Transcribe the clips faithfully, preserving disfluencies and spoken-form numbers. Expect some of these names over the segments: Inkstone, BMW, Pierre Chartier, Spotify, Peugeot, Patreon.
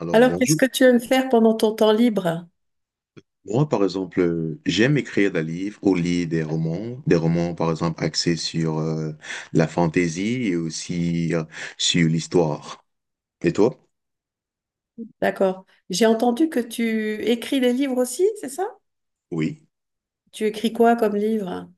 Alors Alors, qu'est-ce bonjour. que tu aimes faire pendant ton temps libre? Moi, par exemple, euh, j'aime écrire des livres au lit des romans, des romans, par exemple, axés sur euh, la fantaisie et aussi euh, sur l'histoire. Et toi? D'accord. J'ai entendu que tu écris des livres aussi, c'est ça? Oui. Tu écris quoi comme livre?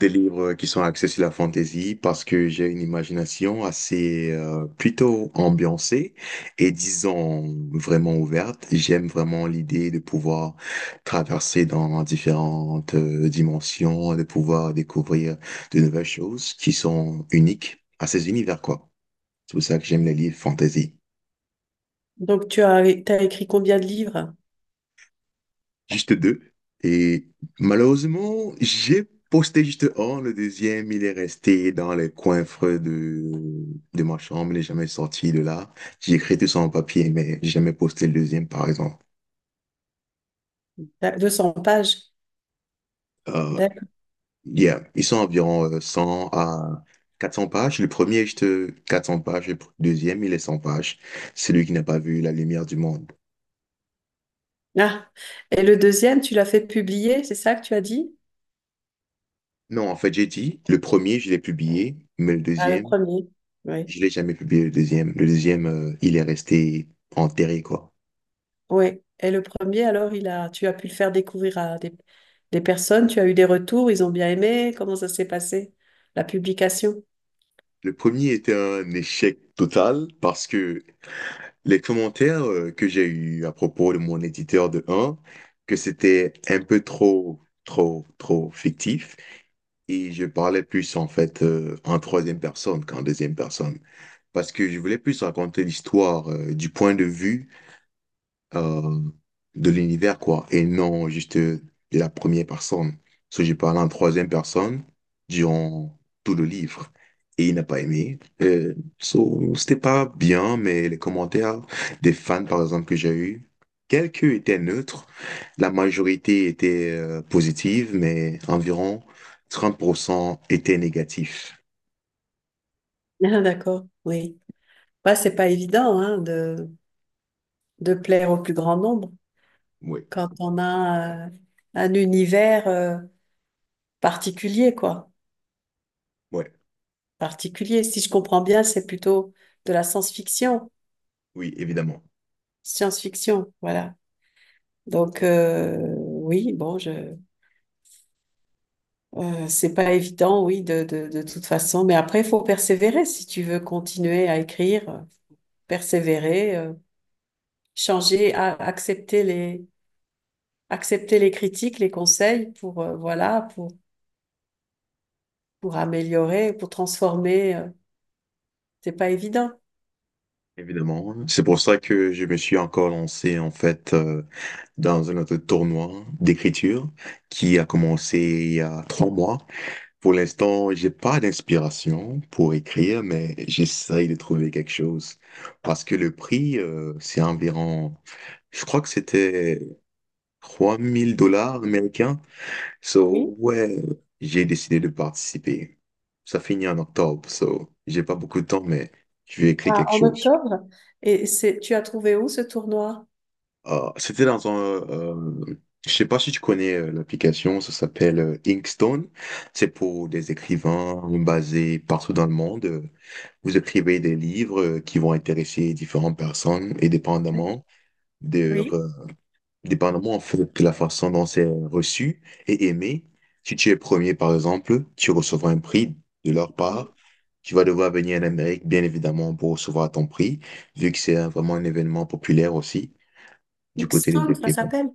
Des livres qui sont axés sur la fantaisie parce que j'ai une imagination assez euh, plutôt ambiancée et disons vraiment ouverte. J'aime vraiment l'idée de pouvoir traverser dans différentes euh, dimensions, de pouvoir découvrir de nouvelles choses qui sont uniques à ces univers, quoi. C'est pour ça que j'aime les livres fantasy. Donc, tu as, t'as écrit combien de livres? Juste deux. Et malheureusement, j'ai posté juste un. Le deuxième, il est resté dans les coins coiffres de, de ma chambre. Il n'est jamais sorti de là. J'ai écrit tout ça en papier, mais j'ai jamais posté le deuxième, par exemple. T'as deux cents pages. Euh, D'accord. yeah. Ils sont environ euh, cent à quatre cents pages. Le premier est juste euh, quatre cents pages. Le pr- deuxième, il est cent pages. C'est lui qui n'a pas vu la lumière du monde. Ah. Et le deuxième, tu l'as fait publier, c'est ça que tu as dit? Non, en fait, j'ai dit, le premier, je l'ai publié, mais le Ah, le deuxième. premier. Oui. Je l'ai jamais publié le deuxième. Le deuxième, euh, il est resté enterré, quoi. Oui. Et le premier, alors, il a, tu as pu le faire découvrir à des, des personnes, tu as eu des retours, ils ont bien aimé. Comment ça s'est passé, la publication? Le premier était un échec total parce que les commentaires euh, que j'ai eus à propos de mon éditeur de un, que c'était un peu trop, trop, trop fictif. Et je parlais plus en fait euh, en troisième personne qu'en deuxième personne. Parce que je voulais plus raconter l'histoire euh, du point de vue euh, de l'univers, quoi, et non juste euh, de la première personne. Parce que j'ai parlé en troisième personne durant tout le livre. Et il n'a pas aimé. Euh, so, c'était pas bien, mais les commentaires des fans, par exemple, que j'ai eu, quelques étaient neutres. La majorité était euh, positive, mais environ trente pour cent étaient négatifs. Ah, d'accord, oui. Bah, c'est pas évident hein, de, de plaire au plus grand nombre Oui, quand on a euh, un univers euh, particulier, quoi. ouais, Particulier, si je comprends bien, c'est plutôt de la science-fiction. oui, évidemment. Science-fiction, voilà. Donc, euh, oui, bon, je, euh, c'est pas évident, oui, de, de, de toute façon. Mais après, il faut persévérer si tu veux continuer à écrire, persévérer, euh, changer, a- accepter les accepter les critiques, les conseils pour, euh, voilà, pour, pour améliorer, pour transformer. euh, C'est pas évident. Évidemment. C'est pour ça que je me suis encore lancé, en fait. euh, dans un autre tournoi d'écriture qui a commencé il y a trois mois. Pour l'instant, j'ai pas d'inspiration pour écrire, mais j'essaye de trouver quelque chose. Parce que le prix, euh, c'est environ, je crois que c'était trois mille dollars américains. Oui. So, ouais, j'ai décidé de participer. Ça finit en octobre, so, j'ai pas beaucoup de temps, mais je vais écrire Ah, quelque en chose. octobre. Et c'est, tu as trouvé où ce tournoi? Ah, c'était dans un. Euh, je sais pas si tu connais euh, l'application, ça s'appelle euh, Inkstone. C'est pour des écrivains basés partout dans le monde. Euh, Vous écrivez des livres euh, qui vont intéresser différentes personnes et Ouais. dépendamment de, Oui, euh, dépendamment en fait de la façon dont c'est reçu et aimé. Si tu es premier, par exemple, tu recevras un prix de leur oui. part. Tu vas devoir venir en Amérique, bien évidemment, pour recevoir ton prix, vu que c'est un- vraiment un événement populaire aussi du côté des Xtone, ça écrivains. s'appelle.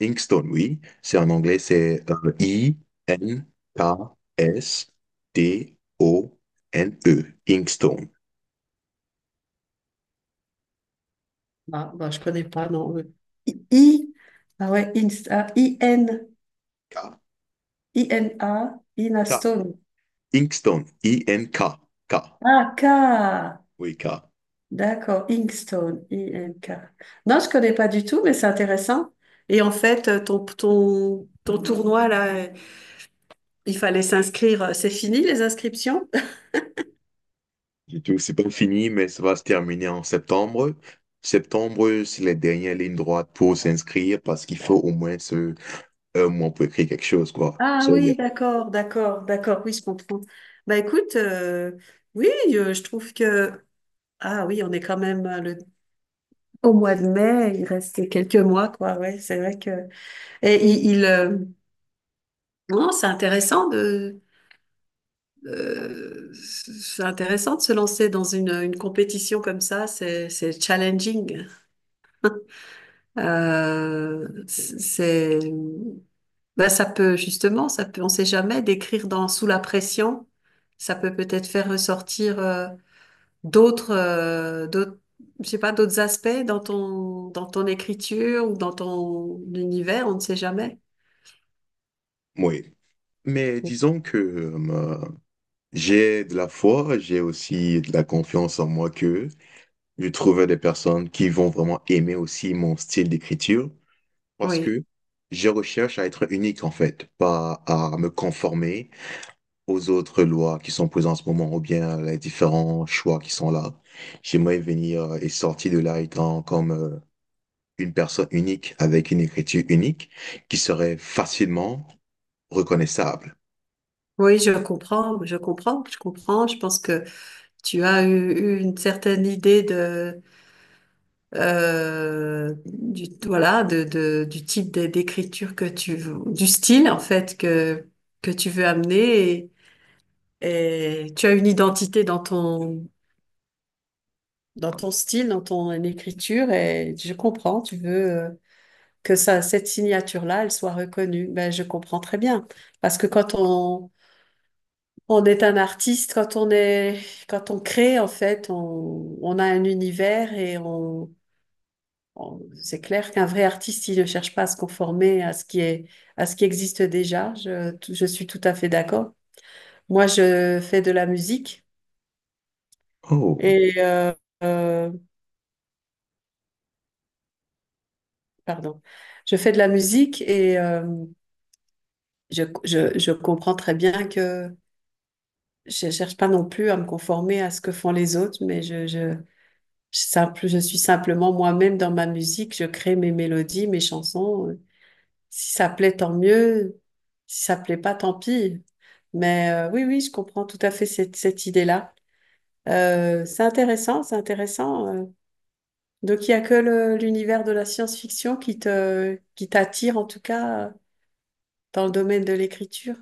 Inkstone, oui. C'est en anglais, c'est I N K S T O N E. Inkstone. Ah, bah, je connais pas, non. euh, I, I- ah ouais, Insta, I-N, K. I-N-A, K. Inastone. Inkstone, I N K. K. K. Ah, K, Oui, K. d'accord, Inkstone, I-N-K. Non, je connais pas du tout, mais c'est intéressant. Et en fait, euh, ton, ton, ton tournoi, là, il fallait s'inscrire. C'est fini les inscriptions? Du tout, c'est pas fini, mais ça va se terminer en septembre. Septembre, c'est les dernières lignes droites pour s'inscrire parce qu'il faut au moins ce, un mois pour écrire quelque chose, quoi. Ah So, yeah. oui, d'accord, d'accord, d'accord. Oui, je comprends. Bah écoute, euh, oui, euh, je trouve que ah oui, on est quand même euh, le... au mois de mai. Il reste quelques mois, quoi. Ouais, c'est vrai que et il, il, euh, non, c'est intéressant de euh, c'est intéressant de se lancer dans une, une compétition comme ça. C'est c'est challenging. Euh, c'est Ben, ça peut, justement, ça peut, on sait jamais, d'écrire dans Sous la pression, ça peut peut-être faire ressortir euh, d'autres, euh, d'autres, je sais pas, d'autres aspects dans ton, dans ton écriture ou dans ton univers, on ne sait jamais. Oui. Mais disons que euh, j'ai de la foi, j'ai aussi de la confiance en moi que je trouve des personnes qui vont vraiment aimer aussi mon style d'écriture parce Oui, que je recherche à être unique en fait, pas à me conformer aux autres lois qui sont présentes en ce moment ou bien à les différents choix qui sont là. J'aimerais venir euh, et sortir de là étant comme euh, une personne unique avec une écriture unique qui serait facilement reconnaissable. oui, je comprends, je comprends, je comprends. Je pense que tu as eu, eu une certaine idée de, euh, du, voilà, de, de, du type d'é- d'écriture que tu, veux- du style en fait que que tu veux amener. Et tu as une identité dans ton, dans ton style, dans ton écriture, et je comprends, tu veux euh, que ça, cette signature-là, elle soit reconnue. Ben, je comprends très bien. Parce que quand on, on est un artiste, quand on est, quand on crée, en fait, on, on a un univers et on, on- c'est clair qu'un vrai artiste, il ne cherche pas à se conformer à ce qui est, à ce qui existe déjà. Je, je suis tout à fait d'accord. Moi, je fais de la musique Oh, et, euh, euh, pardon. Je fais de la musique et euh, je, je, je comprends très bien que je cherche pas non plus à me conformer à ce que font les autres, mais je, je, je simple, je suis simplement moi-même dans ma musique, je crée mes mélodies, mes chansons. Si ça plaît, tant mieux. Si ça plaît pas, tant pis. Mais euh, oui, oui, je comprends tout à fait cette, cette idée-là. Euh, c'est intéressant, c'est intéressant. euh. Donc, il n'y a que le- l'univers de la science-fiction qui te, qui t'attire, en tout cas, euh, dans le domaine de l'écriture?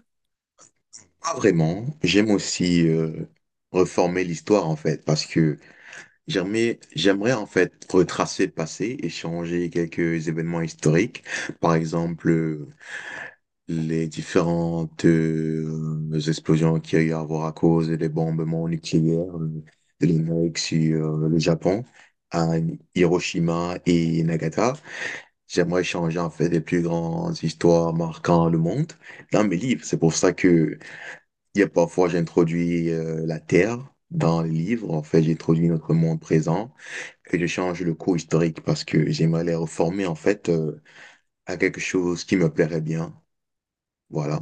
pas vraiment. J'aime aussi euh, reformer l'histoire en fait parce que J'aimerais, j'aimerais en fait retracer le passé, échanger quelques événements historiques, par exemple euh, les différentes euh, explosions qu'il y a eu à voir à cause des bombements nucléaires euh, de l'Amérique sur euh, le Japon à Hiroshima et Nagata. J'aimerais échanger en fait des plus grandes histoires marquant le monde dans mes livres. C'est pour ça que il y a parfois j'introduis euh, la Terre dans les livres. En fait, j'introduis notre monde présent que je change le cours historique parce que j'aimerais les reformer en fait euh, à quelque chose qui me plairait bien. Voilà.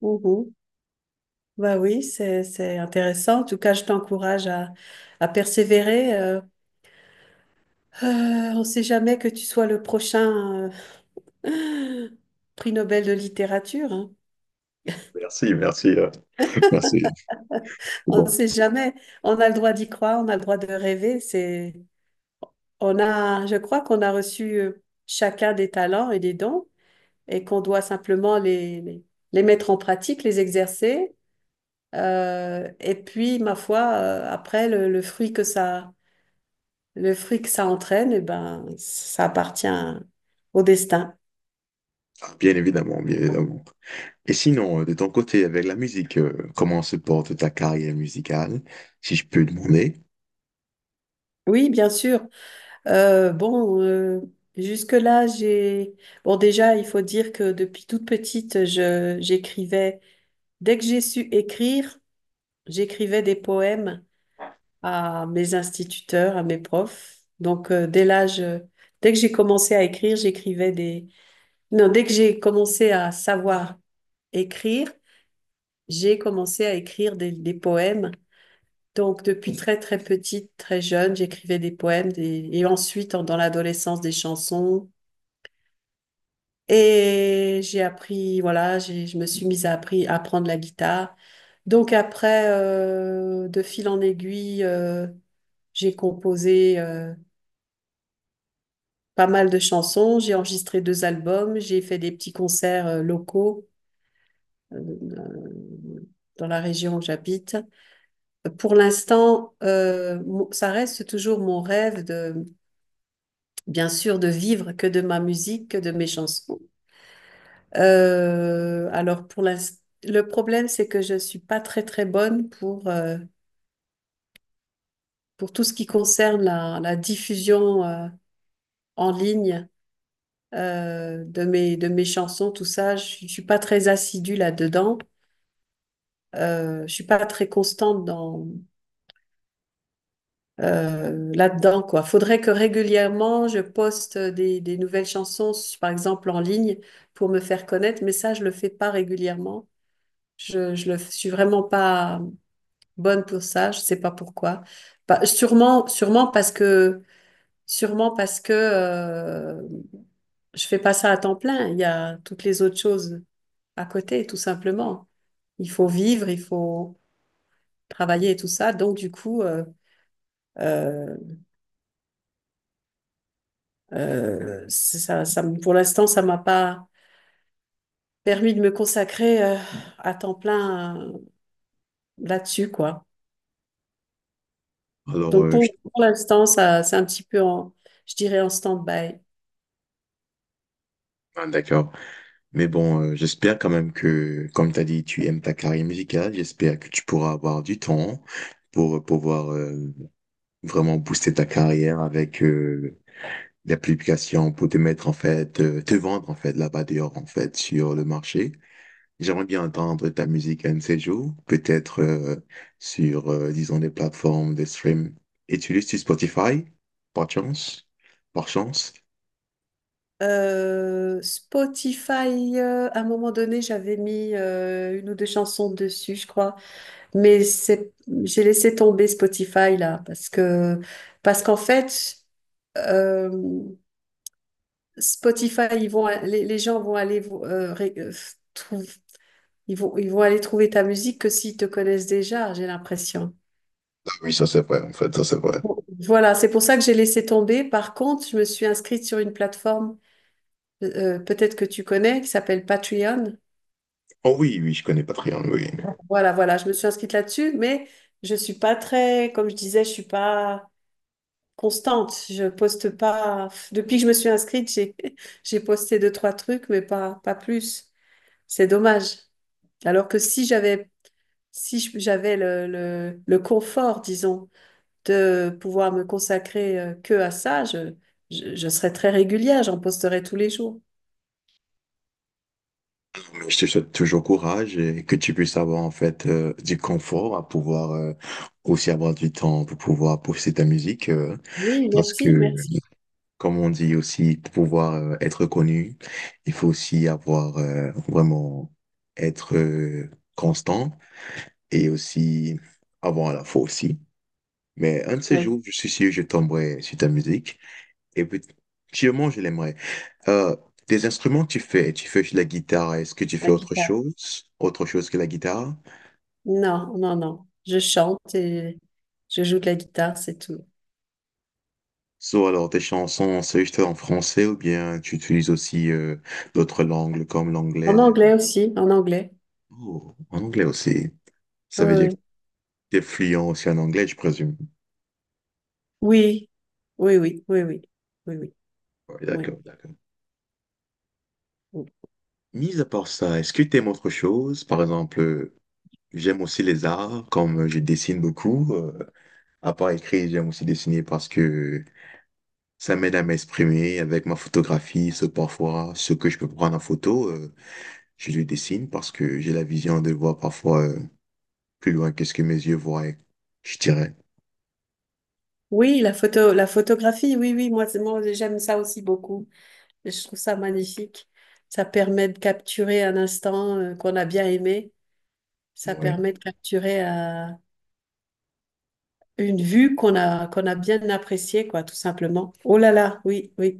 Mhm. Bah oui, c'est, c'est intéressant. En tout cas, je t'encourage à, à persévérer. euh. Euh, on ne sait jamais que tu sois le prochain euh, prix Nobel de littérature. Hein. Merci, merci, euh, merci. On ne Bon. sait jamais. On a le droit d'y croire, on a le droit de rêver. C'est, on a, je crois qu'on a reçu euh, chacun des talents et des dons et qu'on doit simplement les, les, les mettre en pratique, les exercer. Euh, et puis, ma foi, euh, après, le, le fruit que ça, le fruit que ça entraîne, eh ben, ça appartient au destin. Ah, bien évidemment, bien évidemment. Et sinon, euh, de ton côté, avec la musique, euh, comment se porte ta carrière musicale, si je peux demander? Oui, bien sûr. Euh, bon, euh, jusque-là, j'ai... Bon, déjà, il faut dire que depuis toute petite, je, j'écrivais. Dès que j'ai su écrire, j'écrivais des poèmes à mes instituteurs, à mes profs. Donc, euh, dès l'âge, euh, dès que j'ai commencé à écrire, j'écrivais des... Non, dès que j'ai commencé à savoir écrire, j'ai commencé à écrire des, des poèmes. Donc, depuis très, très petite, très jeune, j'écrivais des poèmes des- et ensuite, en- dans l'adolescence, des chansons. Et j'ai appris, voilà, j'ai- je me suis mise à, appris- à apprendre la guitare. Donc, après, euh, de fil en aiguille, euh, j'ai composé euh, pas mal de chansons, j'ai enregistré deux albums, j'ai fait des petits concerts euh, locaux euh, dans la région où j'habite. Pour l'instant, euh, mon- ça reste toujours mon rêve de, bien sûr, de vivre que de ma musique, que de mes chansons. Euh, alors pour l'instant, le problème, c'est que je suis pas très très bonne pour euh, pour tout ce qui concerne la, la diffusion euh, en ligne euh, de mes de mes chansons, tout ça. Je, suis je suis pas très assidue là-dedans. Euh, je suis pas très constante dans euh, là-dedans quoi. Faudrait que régulièrement je poste des, des nouvelles chansons, par exemple en ligne, pour me faire connaître. Mais ça, je le fais pas régulièrement. Je, je le, je suis vraiment pas bonne pour ça. Je sais pas pourquoi. Pas- sûrement, sûrement parce que sûrement parce que euh, je fais pas ça à temps plein. Il y a toutes les autres choses à côté, tout simplement. Il faut vivre, il faut travailler et tout ça. Donc du coup. euh, euh, Euh, ça, ça, pour l'instant, ça m'a pas permis de me consacrer euh, à temps plein euh, là-dessus, quoi. Alors, Donc euh, je- pour, pour l'instant, ça, c'est un petit peu en, je dirais en stand-by. Ah, d'accord. Mais bon, euh, j'espère quand même que, comme tu as dit, tu aimes ta carrière musicale. J'espère que tu pourras avoir du temps pour euh, pouvoir euh, vraiment booster ta carrière avec euh, la publication pour te mettre en fait, euh, te vendre en fait là-bas dehors en fait sur le marché. J'aimerais bien entendre ta musique un de ces jours, peut-être euh, sur, euh, disons, des plateformes de stream. Et tu l'utilises Spotify, par chance? Par chance? Euh, Spotify, euh, à un moment donné, j'avais mis euh, une ou deux chansons dessus, je crois, mais c'est, j'ai laissé tomber Spotify là parce que, parce qu'en fait, euh, Spotify, ils vont, les, les gens vont aller euh, ré- euh, trou- ils vont, ils vont aller trouver ta musique que s'ils te connaissent déjà, j'ai l'impression. Ah oui, ça c'est vrai, en fait, ça c'est vrai. Voilà, c'est pour ça que j'ai laissé tomber. Par contre, je me suis inscrite sur une plateforme, euh, peut-être que tu connais, qui s'appelle Patreon. Oh oui, oui, je connais Patreon, oui. Voilà, voilà, je me suis inscrite là-dessus, mais je suis pas très, comme je disais, je suis pas constante. Je poste pas. Depuis que je me suis inscrite, j'ai, j'ai posté deux, trois trucs, mais pas, pas plus. C'est dommage. Alors que si j'avais, si je- j'avais le, le, le confort, disons, de pouvoir me consacrer euh, que à ça, je, je, je serais très régulière, j'en posterai tous les jours. Mais Je te souhaite toujours courage et que tu puisses avoir en fait euh, du confort à pouvoir euh, aussi avoir du temps pour pouvoir pousser ta musique euh, Oui, parce merci, que merci. comme on dit aussi pour pouvoir euh, être connu, il faut aussi avoir euh, vraiment être euh, constant et aussi avoir à la fois aussi. Mais un de ces Oui, jours, je suis sûr, je tomberai sur ta musique et puis sûrement je l'aimerai. Euh, des instruments, tu fais, tu fais de la guitare. Est-ce que tu la fais autre guitare. chose, autre chose que la guitare? Non, non, non. Je chante et je joue de la guitare, c'est tout. Soit alors tes chansons, c'est juste en français ou bien tu utilises aussi euh, d'autres langues comme En l'anglais. anglais aussi, en anglais. Oh, en anglais aussi. Ça veut dire que Oui, tu es fluent aussi en anglais, je présume. oui, oui, oui, oui, oui, oui, oui, Ouais, oui. d'accord, d'accord. Oui. Mis à part ça, est-ce que tu aimes autre chose? Par exemple, euh, j'aime aussi les arts, comme je dessine beaucoup. Euh, à part écrire, j'aime aussi dessiner parce que ça m'aide à m'exprimer avec ma photographie, ce parfois, ce que je peux prendre en photo. Euh, je le dessine parce que j'ai la vision de voir parfois euh, plus loin que ce que mes yeux voient, je dirais. Oui, la photo, la photographie, oui, oui, moi, c'est- moi j'aime ça aussi beaucoup. Je trouve ça magnifique. Ça permet de capturer un instant euh, qu'on a bien aimé. Ça Ouais. permet de capturer euh, une vue qu'on a, qu'on a bien appréciée, quoi, tout simplement. Oh là là, oui, oui,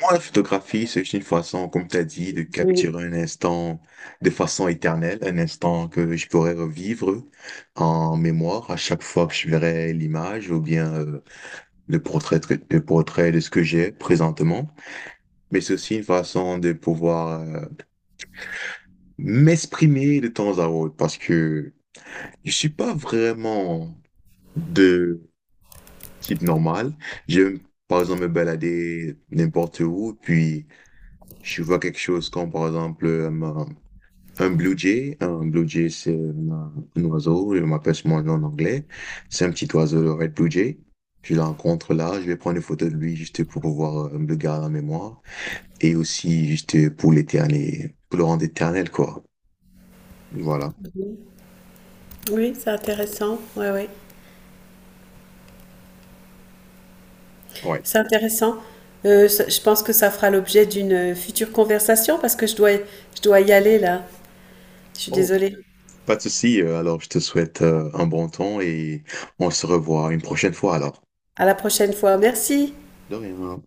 Moi, la photographie, c'est juste une façon, comme tu as dit, de oui, oui. capturer un instant de façon éternelle, un instant que je pourrais revivre en mémoire à chaque fois que je verrai l'image ou bien euh, le portrait, de- le portrait de ce que j'ai présentement. Mais c'est aussi une façon de pouvoir euh, m'exprimer de temps à autre parce que je suis pas vraiment de type normal. J'aime, par exemple, me balader n'importe où, puis je vois quelque chose comme, par exemple, un, un blue jay. Un blue jay, c'est un, un oiseau, je m'appelle ce nom en anglais. C'est un petit oiseau, le red blue jay. Je le rencontre là, je vais prendre une photo de lui juste pour pouvoir euh, me le garder en mémoire et aussi juste pour l'éternel, pour le rendre éternel, quoi. Voilà. Oui, c'est intéressant. Ouais, ouais. Ouais. C'est intéressant. Euh, ça- je pense que ça fera l'objet d'une euh, future conversation parce que je dois, je dois y aller là. Je suis désolée. Pas de souci, euh, alors je te souhaite euh, un bon temps et on se revoit une prochaine fois alors. À la prochaine fois. Merci. De rien.